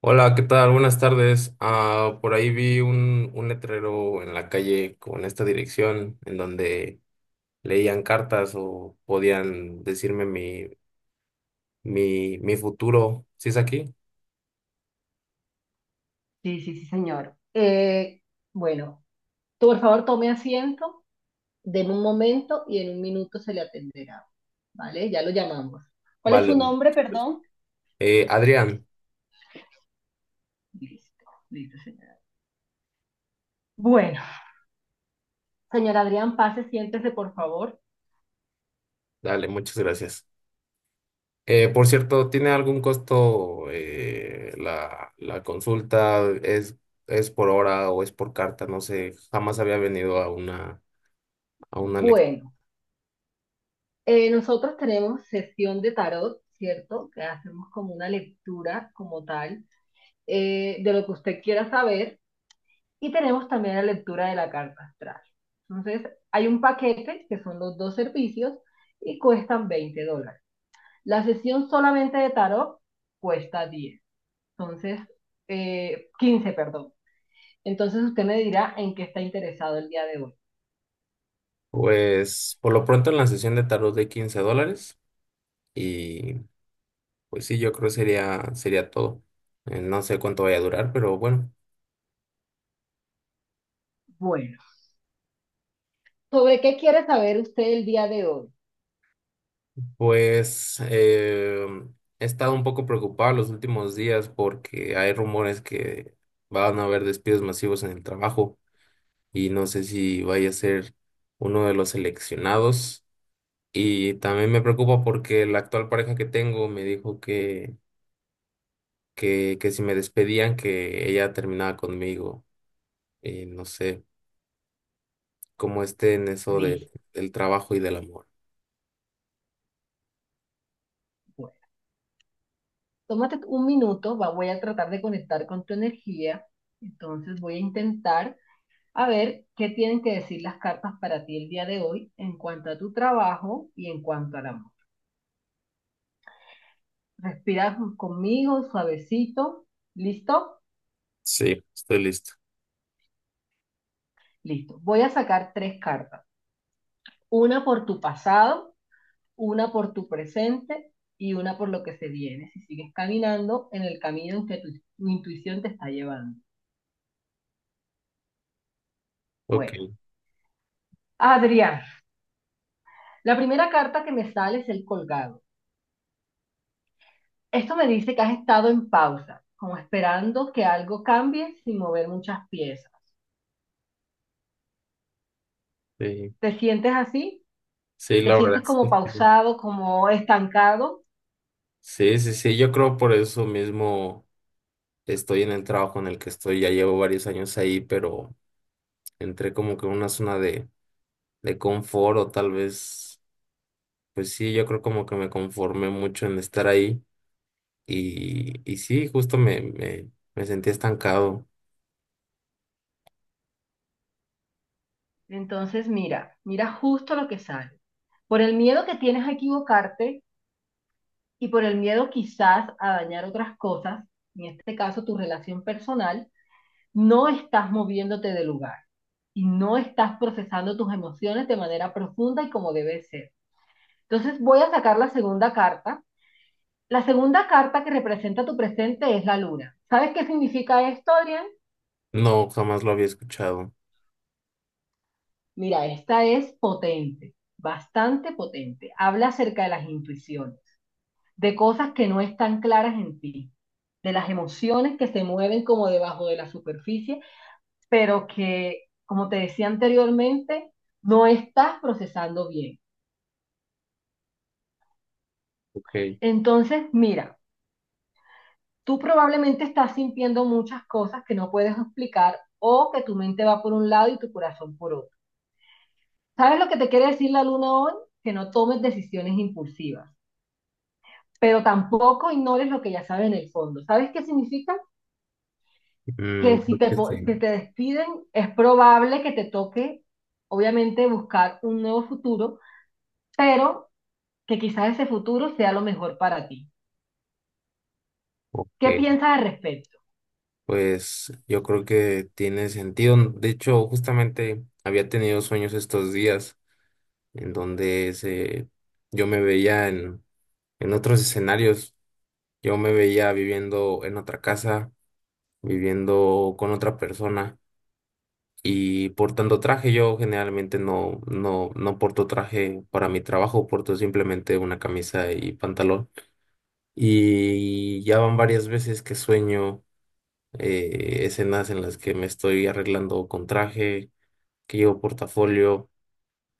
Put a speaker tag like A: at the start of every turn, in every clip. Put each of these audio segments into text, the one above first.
A: Hola, ¿qué tal? Buenas tardes. Ah, por ahí vi un letrero en la calle con esta dirección en donde leían cartas o podían decirme mi futuro. ¿Sí es aquí?
B: Sí, sí, sí, señor. Bueno, tú por favor tome asiento, deme un momento y en un minuto se le atenderá. ¿Vale? Ya lo llamamos. ¿Cuál es
A: Vale,
B: su
A: muchas
B: nombre,
A: gracias.
B: perdón?
A: Adrián,
B: Listo, listo, señora. Bueno, señor Adrián, pase, siéntese, por favor.
A: dale, muchas gracias. Por cierto, ¿tiene algún costo la, la consulta? ¿Es por hora o es por carta? No sé, jamás había venido a una lectura.
B: Bueno, nosotros tenemos sesión de tarot, ¿cierto? Que hacemos como una lectura como tal, de lo que usted quiera saber. Y tenemos también la lectura de la carta astral. Entonces, hay un paquete que son los dos servicios y cuestan 20 dólares. La sesión solamente de tarot cuesta diez, entonces, 15, perdón. Entonces usted me dirá en qué está interesado el día de hoy.
A: Pues por lo pronto en la sesión de tarot de 15 dólares y pues sí, yo creo sería, sería todo. No sé cuánto vaya a durar, pero bueno,
B: Bueno, ¿sobre qué quiere saber usted el día de hoy?
A: pues he estado un poco preocupado los últimos días porque hay rumores que van a haber despidos masivos en el trabajo y no sé si vaya a ser uno de los seleccionados. Y también me preocupa porque la actual pareja que tengo me dijo que si me despedían, que ella terminaba conmigo. Y no sé cómo esté en eso de,
B: Listo.
A: del trabajo y del amor.
B: Bueno, tómate un minuto, voy a tratar de conectar con tu energía. Entonces voy a intentar. A ver, ¿qué tienen que decir las cartas para ti el día de hoy en cuanto a tu trabajo y en cuanto al amor? Respira conmigo, suavecito. ¿Listo?
A: Sí, estoy listo.
B: Listo. Voy a sacar tres cartas. Una por tu pasado, una por tu presente y una por lo que se viene, si sigues caminando en el camino en que tu intuición te está llevando.
A: Ok,
B: Bueno, Adrián, la primera carta que me sale es el colgado. Esto me dice que has estado en pausa, como esperando que algo cambie sin mover muchas piezas.
A: sí,
B: ¿Te sientes así?
A: sí,
B: ¿Te
A: la verdad
B: sientes
A: es que
B: como
A: sí.
B: pausado, como estancado?
A: Sí, sí, sí, yo creo por eso mismo estoy en el trabajo en el que estoy, ya llevo varios años ahí, pero entré como que en una zona de confort o tal vez, pues sí, yo creo como que me conformé mucho en estar ahí y sí, justo me sentí estancado.
B: Entonces mira justo lo que sale. Por el miedo que tienes a equivocarte y por el miedo quizás a dañar otras cosas, en este caso tu relación personal, no estás moviéndote de lugar y no estás procesando tus emociones de manera profunda y como debe ser. Entonces voy a sacar la segunda carta. La segunda carta que representa tu presente es la luna. ¿Sabes qué significa esto, Adrián?
A: No, jamás lo había escuchado.
B: Mira, esta es potente, bastante potente. Habla acerca de las intuiciones, de cosas que no están claras en ti, de las emociones que se mueven como debajo de la superficie, pero que, como te decía anteriormente, no estás procesando bien.
A: Ok.
B: Entonces, mira, tú probablemente estás sintiendo muchas cosas que no puedes explicar o que tu mente va por un lado y tu corazón por otro. ¿Sabes lo que te quiere decir la luna hoy? Que no tomes decisiones impulsivas, pero tampoco ignores lo que ya sabes en el fondo. ¿Sabes qué significa? Que
A: Mm,
B: si
A: creo
B: te,
A: que sí.
B: que te despiden, es probable que te toque, obviamente, buscar un nuevo futuro, pero que quizás ese futuro sea lo mejor para ti. ¿Qué
A: Ok.
B: piensas al respecto?
A: Pues yo creo que tiene sentido. De hecho, justamente había tenido sueños estos días en donde se, yo me veía en otros escenarios. Yo me veía viviendo en otra casa, viviendo con otra persona y portando traje. Yo generalmente no porto traje para mi trabajo, porto simplemente una camisa y pantalón. Y ya van varias veces que sueño. Escenas en las que me estoy arreglando con traje, que llevo portafolio,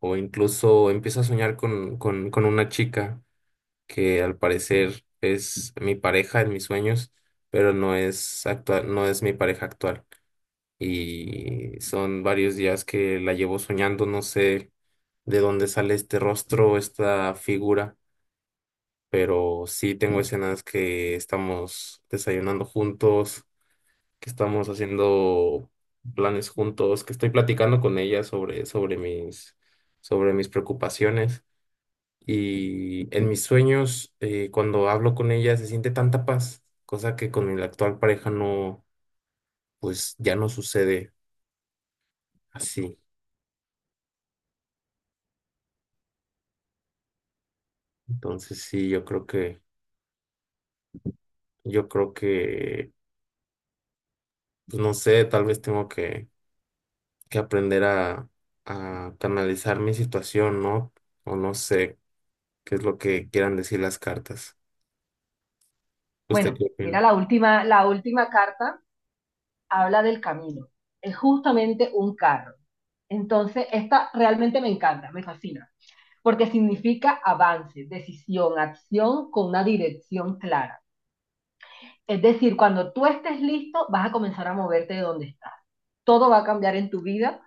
A: o incluso empiezo a soñar con una chica que al parecer es mi pareja en mis sueños, pero no es actual, no es mi pareja actual. Y son varios días que la llevo soñando, no sé de dónde sale este rostro, esta figura, pero sí tengo escenas que estamos desayunando juntos, que estamos haciendo planes juntos, que estoy platicando con ella sobre mis preocupaciones. Y en mis sueños, cuando hablo con ella, se siente tanta paz, cosa que con mi actual pareja no, pues ya no sucede así. Entonces sí, yo creo que, pues no sé, tal vez tengo que aprender a canalizar mi situación, ¿no? O no sé qué es lo que quieran decir las cartas. ¿Usted
B: Bueno,
A: qué
B: mira
A: opina?
B: la última carta habla del camino. Es justamente un carro. Entonces, esta realmente me encanta, me fascina, porque significa avance, decisión, acción con una dirección clara. Es decir, cuando tú estés listo, vas a comenzar a moverte de donde estás. Todo va a cambiar en tu vida,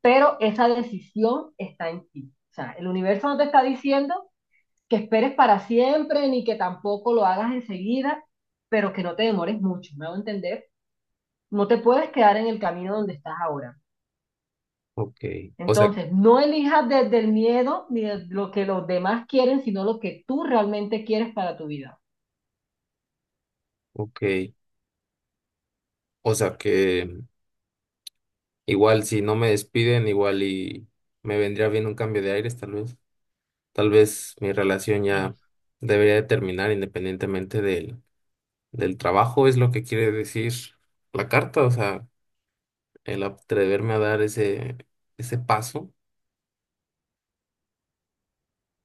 B: pero esa decisión está en ti. O sea, el universo no te está diciendo que esperes para siempre ni que tampoco lo hagas enseguida, pero que no te demores mucho, me hago entender. No te puedes quedar en el camino donde estás ahora.
A: Ok, o sea,
B: Entonces, no elijas desde el miedo ni desde lo que los demás quieren, sino lo que tú realmente quieres para tu vida.
A: ok, o sea que igual si no me despiden, igual y me vendría bien un cambio de aires, tal vez mi relación
B: Sí.
A: ya debería de terminar independientemente del, del trabajo, es lo que quiere decir la carta, o sea, el atreverme a dar ese, ese paso.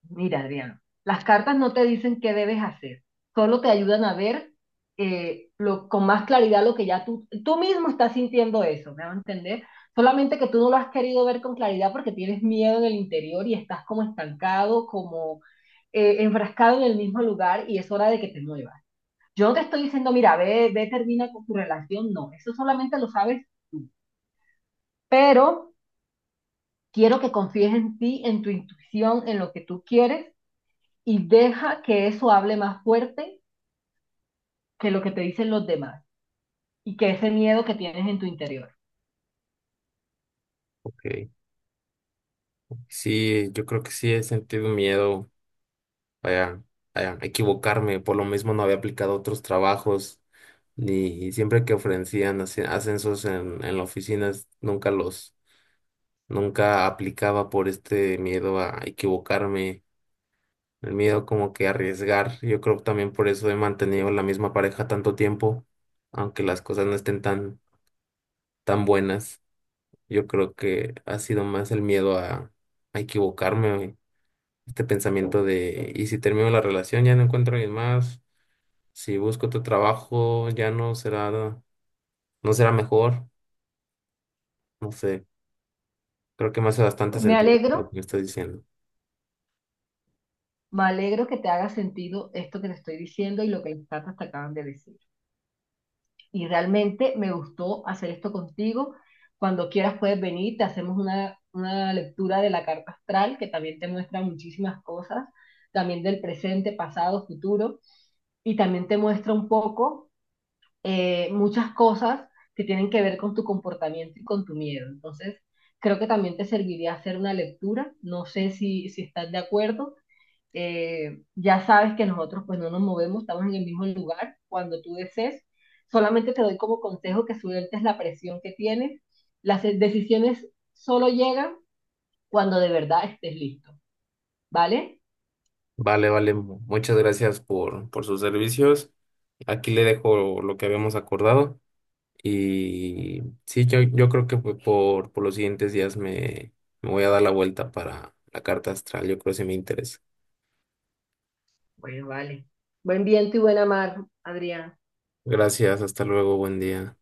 B: Mira, Adriano, las cartas no te dicen qué debes hacer, solo te ayudan a ver, con más claridad lo que ya tú mismo estás sintiendo eso, ¿me van a entender? Solamente que tú no lo has querido ver con claridad porque tienes miedo en el interior y estás como estancado, como enfrascado en el mismo lugar y es hora de que te muevas. Yo no te estoy diciendo, mira, ve, termina con tu relación, no, eso solamente lo sabes tú, pero quiero que confíes en ti, en tu intuición, en lo que tú quieres y deja que eso hable más fuerte que lo que te dicen los demás y que ese miedo que tienes en tu interior.
A: Ok, sí, yo creo que sí he sentido miedo, vaya, vaya, equivocarme, por lo mismo no había aplicado a otros trabajos, ni y siempre que ofrecían ascensos en la oficina, nunca los, nunca aplicaba por este miedo a equivocarme, el miedo como que a arriesgar. Yo creo que también por eso he mantenido la misma pareja tanto tiempo, aunque las cosas no estén tan, tan buenas. Yo creo que ha sido más el miedo a equivocarme, este pensamiento de, y si termino la relación ya no encuentro a alguien más. Si busco otro trabajo, ya no será, no será mejor. No sé, creo que me hace bastante ¿no?
B: Me
A: sentido
B: alegro,
A: lo que me estás diciendo.
B: me alegro que te haga sentido esto que te estoy diciendo y lo que las cartas te acaban de decir. Y realmente me gustó hacer esto contigo. Cuando quieras puedes venir, te hacemos una lectura de la carta astral que también te muestra muchísimas cosas, también del presente, pasado, futuro, y también te muestra un poco, muchas cosas que tienen que ver con tu comportamiento y con tu miedo. Entonces, creo que también te serviría hacer una lectura. No sé si estás de acuerdo. Ya sabes que nosotros pues no nos movemos, estamos en el mismo lugar cuando tú desees. Solamente te doy como consejo que sueltes la presión que tienes. Las decisiones solo llegan cuando de verdad estés listo, ¿vale?
A: Vale, vale, muchas gracias por sus servicios. Aquí le dejo lo que habíamos acordado. Y sí, yo creo que pues, por los siguientes días me, me voy a dar la vuelta para la carta astral. Yo creo que sí me interesa.
B: Bueno, vale. Buen viento y buena mar, Adrián.
A: Gracias, hasta luego, buen día.